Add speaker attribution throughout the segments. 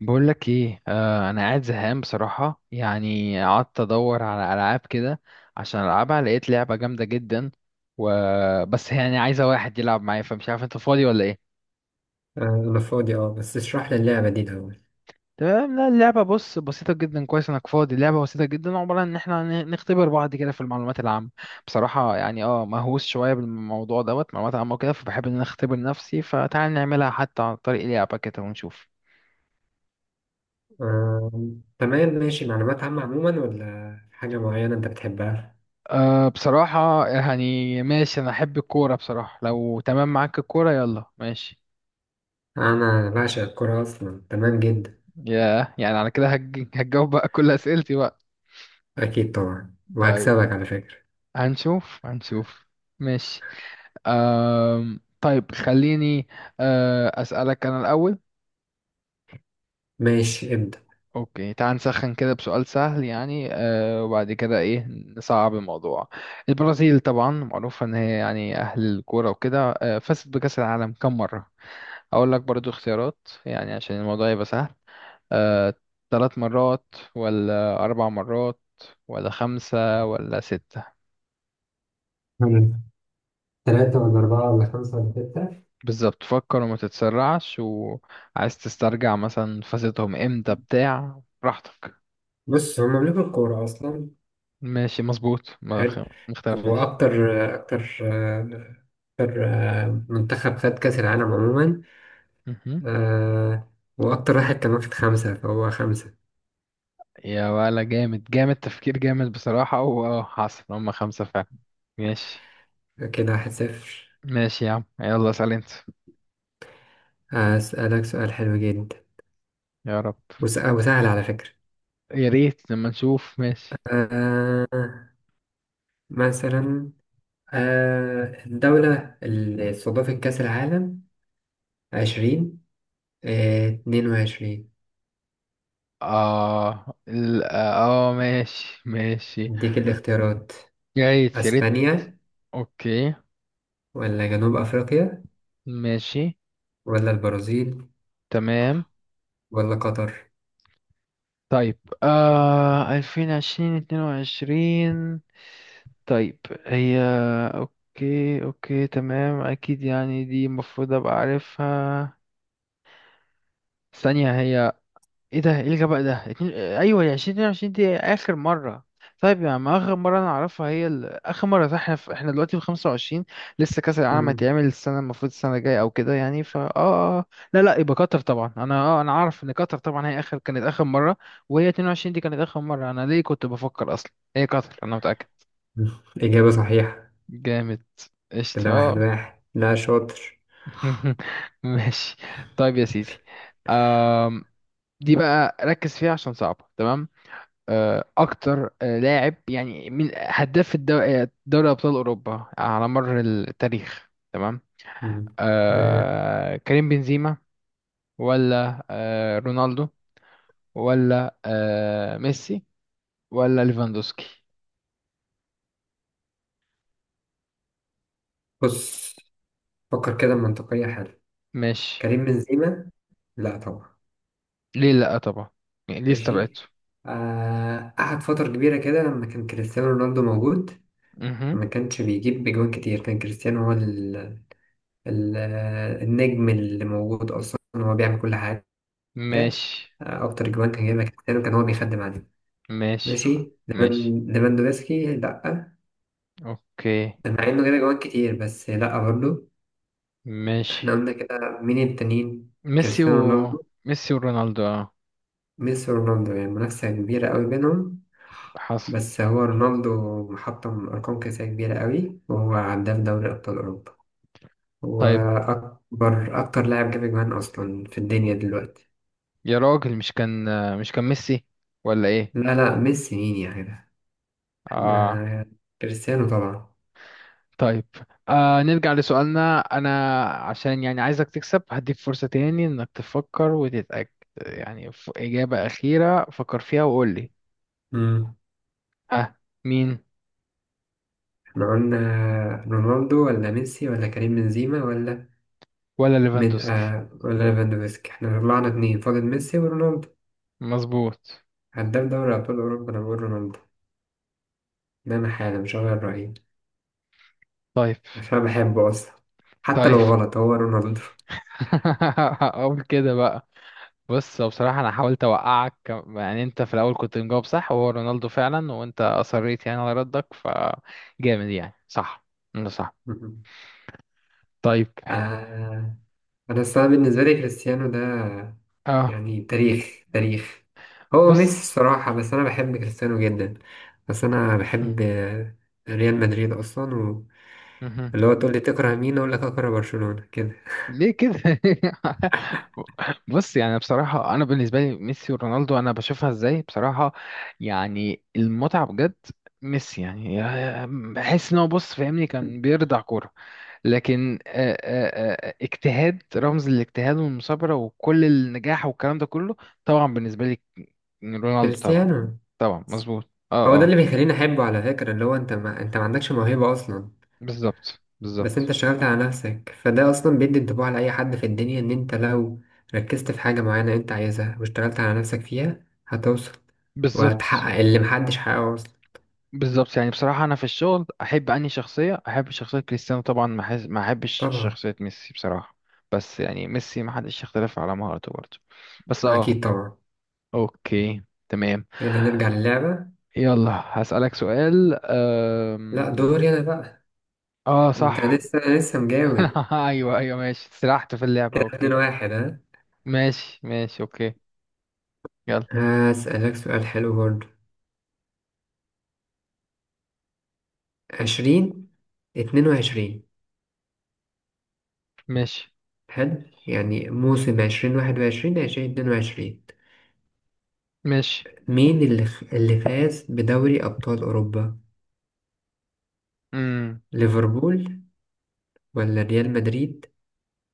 Speaker 1: بقول لك ايه، انا قاعد زهقان بصراحه. يعني قعدت ادور على العاب كده عشان العبها، لقيت لعبه جامده جدا. و بس يعني عايزه واحد يلعب معايا، فمش عارف انت فاضي ولا ايه؟
Speaker 2: آه، أنا فاضي بس اشرح لي اللعبة دي الأول.
Speaker 1: تمام، لا اللعبه بص بسيطه جدا. كويس انك فاضي. اللعبه بسيطه جدا، عباره عن ان احنا نختبر بعض كده في المعلومات العامه. بصراحه يعني مهووس شويه بالموضوع دوت معلومات عامه وكده، فبحب ان انا اختبر نفسي، فتعال نعملها حتى عن طريق لعبه كده ونشوف.
Speaker 2: آه. تمام، ماشي. معلومات عامة عموما ولا حاجة معينة أنت بتحبها؟
Speaker 1: أه، بصراحة يعني ماشي، أنا أحب الكورة بصراحة، لو تمام معاك الكورة يلا ماشي.
Speaker 2: أنا بعشق الكورة أصلا، تمام جدا.
Speaker 1: يعني على كده هتجاوب بقى كل أسئلتي بقى.
Speaker 2: أكيد طبعا،
Speaker 1: طيب،
Speaker 2: وهكسبك على فكرة.
Speaker 1: هنشوف هنشوف، ماشي. طيب خليني أسألك أنا الأول.
Speaker 2: ماشي، ابدأ.
Speaker 1: أوكي، تعال نسخن كده بسؤال سهل، يعني وبعد كده إيه نصعب الموضوع. البرازيل طبعا معروفة إن هي يعني أهل الكورة وكده، فازت بكأس العالم كم مرة؟ اقول لك برضو اختيارات يعني عشان الموضوع يبقى سهل. آه، ثلاث مرات ولا اربع مرات ولا خمسة ولا ستة؟
Speaker 2: حلو. تلاتة ولا أربعة ولا خمسة ولا ستة.
Speaker 1: بالظبط، فكر وما تتسرعش، وعايز تسترجع مثلا فازتهم امتى بتاع براحتك.
Speaker 2: بص، هما ملوك الكورة أصلا.
Speaker 1: ماشي مظبوط،
Speaker 2: حلو.
Speaker 1: ما اختلفناش.
Speaker 2: وأكتر أكتر، منتخب خد كأس العالم عموما.
Speaker 1: مهم.
Speaker 2: آه، وأكتر واحد كمان خد خمسة، فهو خمسة.
Speaker 1: يا، ولا جامد جامد، تفكير جامد بصراحة، واه حصل، هما خمسة فعلا. ماشي،
Speaker 2: كده واحد صفر.
Speaker 1: ماشي يا عم، يلا اسأل انت.
Speaker 2: هسألك سؤال حلو جدا
Speaker 1: يا رب.
Speaker 2: وسهل على فكرة.
Speaker 1: يا ريت لما نشوف، ماشي.
Speaker 2: آه مثلا، الدولة اللي استضافت كأس العالم، عشرين آه، اتنين وعشرين.
Speaker 1: ماشي ماشي.
Speaker 2: أديك الاختيارات:
Speaker 1: جايز يا ريت.
Speaker 2: أسبانيا
Speaker 1: اوكي،
Speaker 2: ولا جنوب أفريقيا
Speaker 1: ماشي
Speaker 2: ولا البرازيل
Speaker 1: تمام.
Speaker 2: ولا قطر؟
Speaker 1: طيب، ألفين عشرين اتنين وعشرين. طيب، هي، اوكي اوكي تمام، اكيد يعني دي المفروض ابقى عارفها. ثانية، هي ايه ده، ايه الغباء ده، ايوه هي 2022، دي اخر مره. طيب يعني ما اخر مره انا اعرفها هي اخر مره، صح احنا احنا دلوقتي في 25، لسه كاس العالم
Speaker 2: مم.
Speaker 1: هيتعمل السنه، المفروض السنه الجايه او كده يعني، فا اه آه. آه. لا لا، يبقى قطر طبعا، انا عارف ان قطر طبعا هي كانت اخر مره. وهي 22 دي كانت اخر مره، انا ليه كنت بفكر اصلا، هي قطر، انا متاكد.
Speaker 2: إجابة صحيحة.
Speaker 1: جامد، قشطة
Speaker 2: كده واحد واحد. لا، شاطر.
Speaker 1: ماشي. طيب يا سيدي. آم... دي بقى ركز فيها عشان صعبه تمام. اكتر لاعب يعني من هداف دوري ابطال اوروبا على مر التاريخ، تمام.
Speaker 2: مم. تمام.
Speaker 1: كريم بنزيما، ولا رونالدو، ولا ميسي، ولا ليفاندوسكي؟
Speaker 2: بص، فكر كده منطقية. حلو.
Speaker 1: ماشي.
Speaker 2: كريم بنزيما، لا طبعا.
Speaker 1: ليه لا طبعا، يعني ليه استبعدته.
Speaker 2: ماشي. قعد فترة كبيرة كده لما كان كريستيانو رونالدو موجود.
Speaker 1: مهم.
Speaker 2: فما كانش بيجيب بجوان كتير، كان كريستيانو هو ال ال آه، النجم اللي موجود أصلا، هو بيعمل كل حاجة. آه،
Speaker 1: ماشي
Speaker 2: أكتر جوان كان جايبها كريستيانو، كان هو بيخدم عليه.
Speaker 1: ماشي،
Speaker 2: ماشي.
Speaker 1: ماشي.
Speaker 2: ليفاندوفسكي لأ.
Speaker 1: اوكي،
Speaker 2: مع إنه جايب جوان كتير، بس لأ برضه.
Speaker 1: ماشي.
Speaker 2: إحنا قلنا كده، مين التانيين؟
Speaker 1: ميسي و...
Speaker 2: كريستيانو رونالدو.
Speaker 1: ميسي ورونالدو
Speaker 2: ميسي ورونالدو، يعني منافسة كبيرة قوي بينهم.
Speaker 1: حصل.
Speaker 2: بس هو رونالدو محطم أرقام قياسية كبيرة قوي، وهو هداف دوري أبطال أوروبا. هو
Speaker 1: طيب
Speaker 2: أكتر لاعب جاب أجوان أصلا في الدنيا دلوقتي.
Speaker 1: يا راجل، مش كان ميسي ولا ايه؟
Speaker 2: لا لا، ميسي مين يا جدع؟
Speaker 1: اه.
Speaker 2: احنا، كريستيانو طبعا.
Speaker 1: طيب، نرجع لسؤالنا. انا عشان يعني عايزك تكسب هديك فرصة تاني، انك تفكر وتتأكد يعني، إجابة أخيرة فكر فيها وقول لي.
Speaker 2: مم.
Speaker 1: ها، مين؟
Speaker 2: احنا قلنا رونالدو ولا ميسي ولا كريم بنزيما ولا
Speaker 1: ولا
Speaker 2: مد...
Speaker 1: ليفاندوسكي؟
Speaker 2: آه ولا ليفاندوفسكي. احنا طلعنا اتنين فاضل: ميسي ورونالدو.
Speaker 1: مظبوط.
Speaker 2: هداف دوري أبطال أوروبا، أنا بقول رونالدو. ده أنا حالا مش هغير رأيي،
Speaker 1: طيب.
Speaker 2: عشان بحبه أصلا. حتى
Speaker 1: طيب
Speaker 2: لو غلط، هو رونالدو.
Speaker 1: اقول كده بقى. بص، هو بصراحة أنا حاولت أوقعك، يعني أنت في الأول كنت مجاوب صح وهو رونالدو فعلا، وأنت أصريت يعني على ردك، فجامد يعني، صح. أنت صح. طيب.
Speaker 2: آه أنا الصراحة بالنسبة لي كريستيانو ده،
Speaker 1: اه،
Speaker 2: يعني تاريخ تاريخ. هو
Speaker 1: بص،
Speaker 2: ميسي الصراحة، بس أنا بحب كريستيانو جدا. بس أنا
Speaker 1: م-
Speaker 2: بحب ريال مدريد أصلا.
Speaker 1: مهم.
Speaker 2: واللي هو تقول لي تكره مين، أقول لك أكره برشلونة كده.
Speaker 1: ليه كده بص يعني بصراحة أنا بالنسبة لي ميسي ورونالدو أنا بشوفها إزاي بصراحة. يعني المتعة بجد. ميسي يعني بحس إن هو، بص فاهمني، كان بيرضع كورة. لكن اجتهاد، رمز الاجتهاد والمثابرة وكل النجاح والكلام ده كله، طبعا بالنسبة لي. رونالدو طبعا،
Speaker 2: كريستيانو
Speaker 1: طبعا مظبوط
Speaker 2: هو ده اللي بيخليني أحبه على فكرة، اللي هو أنت ما عندكش موهبة أصلا.
Speaker 1: بالظبط،
Speaker 2: بس انت
Speaker 1: بالظبط،
Speaker 2: اشتغلت على نفسك، فده اصلا بيدي انطباع لاي حد في الدنيا ان انت لو ركزت في حاجة معينة انت عايزها واشتغلت على نفسك فيها، هتوصل
Speaker 1: بالظبط،
Speaker 2: وهتحقق اللي محدش حققه اصلا.
Speaker 1: بالظبط. يعني بصراحة أنا في الشغل أحب أنهي شخصية، أحب شخصية كريستيانو طبعا، ما أحبش
Speaker 2: طبعا.
Speaker 1: شخصية ميسي بصراحة. بس يعني ميسي ما حدش يختلف على مهارته برضه. بس
Speaker 2: اكيد طبعا.
Speaker 1: أوكي تمام.
Speaker 2: يلا نرجع للعبة.
Speaker 1: يلا هسألك سؤال.
Speaker 2: لا، دوري انا بقى.
Speaker 1: أه
Speaker 2: انت
Speaker 1: صح
Speaker 2: لسه مجاوب.
Speaker 1: أيوه، أيوه، ماشي سرحت في اللعبة،
Speaker 2: اتنين
Speaker 1: أوكي.
Speaker 2: واحد.
Speaker 1: ماشي، ماشي، أوكي. يلا.
Speaker 2: ها، هسألك سؤال حلو برضه. عشرين اتنين وعشرين.
Speaker 1: ماشي،
Speaker 2: حلو. يعني موسم عشرين واحد وعشرين، عشرين اتنين وعشرين.
Speaker 1: ماشي.
Speaker 2: مين اللي فاز بدوري أبطال أوروبا؟
Speaker 1: مم.
Speaker 2: ليفربول ولا ريال مدريد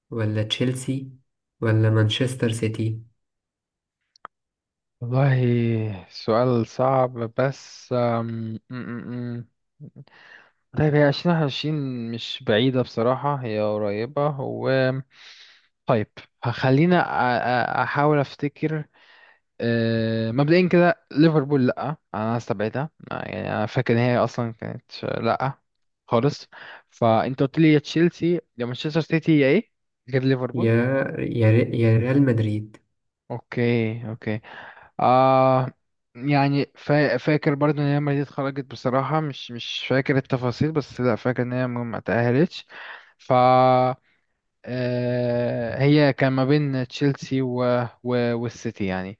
Speaker 2: ولا تشيلسي ولا مانشستر سيتي؟
Speaker 1: والله سؤال صعب، بس أم... أم، أم، أم. طيب، هي عشرين واحد وعشرين مش بعيدة بصراحة، هي قريبة و... طيب، خلينا أحاول أفتكر. مبدئيا كده ليفربول لأ أنا هستبعدها، يعني أنا فاكر إن هي أصلا كانت لأ خالص. فأنت قلت لي يا تشيلسي يا مانشستر سيتي يا إيه غير ليفربول.
Speaker 2: يا يا ريال مدريد.
Speaker 1: أوكي، أوكي. آه يعني فاكر برضو ان هي لما دي اتخرجت بصراحة، مش فاكر التفاصيل، بس لا فاكر ان هي ما تأهلتش. ف... هي كان ما بين تشيلسي والسيتي يعني.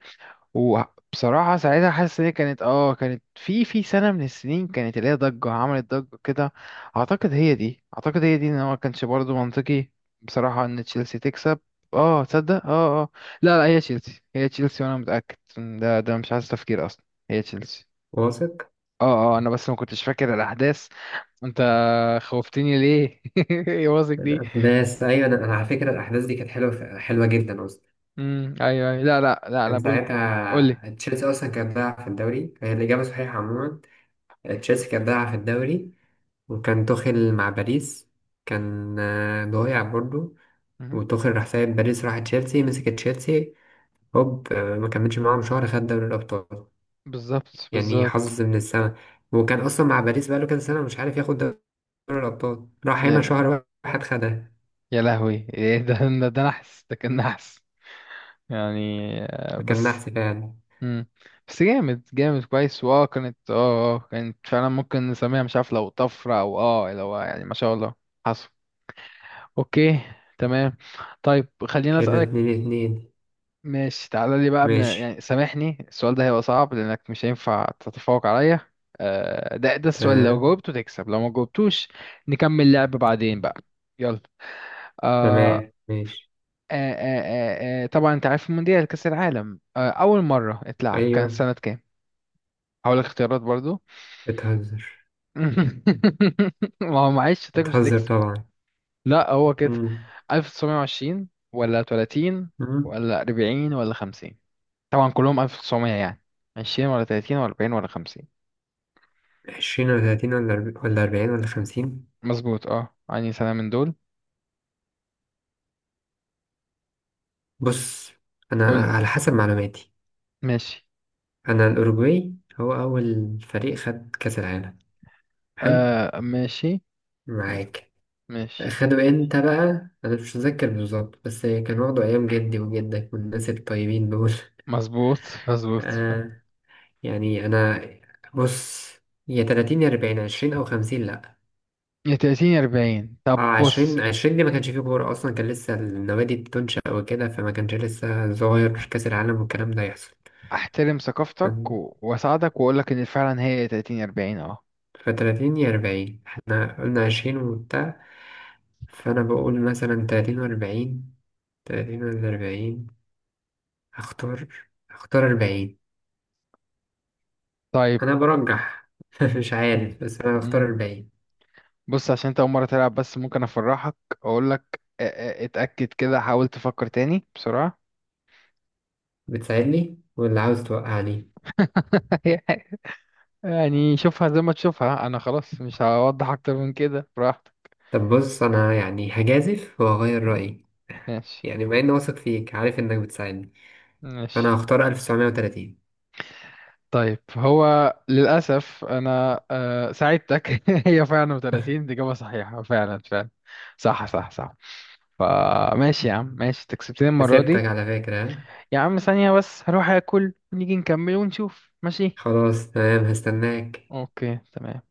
Speaker 1: وبصراحة ساعتها حاسس ان هي كانت كانت في سنة من السنين، كانت اللي هي ضجة، عملت ضجة كده. اعتقد هي دي، ان هو ما كانش برضه منطقي بصراحة ان تشيلسي تكسب. اه، تصدق، لا لا، هي تشيلسي، هي تشيلسي وانا متأكد، ده مش عايز تفكير اصلا، هي تشيلسي.
Speaker 2: واثق.
Speaker 1: اه اه انا بس ما كنتش فاكر الاحداث. انت خوفتني ليه يا واثق دي.
Speaker 2: الأحداث أيوة. أنا على فكرة الأحداث دي كانت حلوة حلوة جدا أصلا.
Speaker 1: ايوه، ايوه، لا، لا، لا، انا
Speaker 2: كان
Speaker 1: بقول. قول لي.
Speaker 2: ساعتها تشيلسي أصلا كانت ضايعة في الدوري، هي الإجابة صحيحة عموما. تشيلسي كانت ضايعة في الدوري، وكان توخيل مع باريس كان ضايع برضه.
Speaker 1: مهم.
Speaker 2: وتوخيل راح سايب باريس، راح تشيلسي، مسك تشيلسي هوب. ما كملش معاهم شهر، خد دوري الأبطال.
Speaker 1: بالظبط،
Speaker 2: يعني
Speaker 1: بالظبط.
Speaker 2: حظ من السما. وكان اصلا مع باريس بقاله كام سنه مش عارف ياخد دوري الابطال، راح هنا
Speaker 1: يلا.
Speaker 2: شهر واحد خدها.
Speaker 1: يا لهوي إيه ده؟ ده ده نحس ده كان نحس يعني.
Speaker 2: فكان
Speaker 1: بس.
Speaker 2: نحس فعلا.
Speaker 1: مم. بس جامد جامد، كويس، كانت كانت فعلا، ممكن نسميها، مش عارف، لو طفرة او لو يعني ما شاء الله حصل. اوكي تمام. طيب خليني
Speaker 2: كده
Speaker 1: اسألك.
Speaker 2: اتنين اتنين.
Speaker 1: ماشي، تعالى لي بقى، يعني
Speaker 2: ماشي.
Speaker 1: سامحني السؤال ده هيبقى صعب لانك مش هينفع تتفوق عليا. ده ده السؤال لو
Speaker 2: تمام
Speaker 1: جاوبته تكسب لو ما جاوبتوش نكمل لعب بعدين بقى. يلا. آه،
Speaker 2: تمام، ماشي.
Speaker 1: آه آه طبعا انت عارف المونديال كأس العالم، اول مرة اتلعب كان
Speaker 2: ايوه،
Speaker 1: سنة كام؟ هقول لك اختيارات برضو.
Speaker 2: بتهزر،
Speaker 1: ما هو معلش شتاك مش
Speaker 2: بتهزر
Speaker 1: هتكسب.
Speaker 2: طبعا.
Speaker 1: لا هو كده.
Speaker 2: مم.
Speaker 1: 1920 ولا 30
Speaker 2: مم.
Speaker 1: ولا 40 ولا 50؟ طبعا كلهم 1900 يعني. 20 ولا 30 ولا 40 ولا 50؟
Speaker 2: عشرين ولا تلاتين ولا أربعين ولا خمسين.
Speaker 1: مظبوط، يعني سنة من دول.
Speaker 2: بص، أنا
Speaker 1: قول.
Speaker 2: على حسب معلوماتي،
Speaker 1: ماشي.
Speaker 2: أنا الأوروجواي هو أول فريق خد كأس العالم. حلو،
Speaker 1: ماشي، م-
Speaker 2: معاك،
Speaker 1: ماشي
Speaker 2: خدوا انت بقى. انا مش متذكر بالظبط بس كان واخده ايام جدي وجدك والناس الطيبين دول.
Speaker 1: مظبوط، مظبوط،
Speaker 2: آه، يعني انا، بص، يا 30 يا 40، 20 او 50 لا.
Speaker 1: يا 30 يا 40.
Speaker 2: اه،
Speaker 1: طب بص،
Speaker 2: 20 دي ما كانش فيه كوره اصلا، كان لسه النوادي بتنشأ وكده، فما كانش لسه صغير كاس العالم والكلام ده يحصل.
Speaker 1: احترم ثقافتك واساعدك واقول لك ان فعلا هي 30 40
Speaker 2: ف، 30 يا 40، احنا قلنا 20 وبتاع. فانا بقول مثلا، 30 و40، 30 ولا 40؟ هختار هختار 40.
Speaker 1: طيب.
Speaker 2: انا برجح، مش
Speaker 1: مم.
Speaker 2: عارف، بس انا هختار
Speaker 1: مم.
Speaker 2: الباقي.
Speaker 1: بص عشان انت اول مره تلعب، بس ممكن افرحك. اقول لك اتاكد كده، حاول تفكر تاني بسرعه.
Speaker 2: بتساعدني واللي عاوز توقعني.
Speaker 1: يعني شوفها زي ما تشوفها، انا خلاص مش هوضح اكتر من كده براحتك.
Speaker 2: طب بص، انا يعني هجازف وهغير رأيي.
Speaker 1: ماشي،
Speaker 2: يعني بما اني واثق فيك، عارف انك بتساعدني، فانا
Speaker 1: ماشي.
Speaker 2: هختار 1930.
Speaker 1: طيب، هو للأسف أنا ساعدتك هي فعلا 30، دي إجابة صحيحة فعلا فعلا. صح، صح، صح. فماشي يا عم، ماشي تكسبتني المرة دي.
Speaker 2: كسبتك على فكرة، ها؟
Speaker 1: يا عم، ثانية بس هروح أكل، ونيجي نكمل ونشوف ماشي.
Speaker 2: خلاص، تمام، هستناك.
Speaker 1: أوكي، تمام.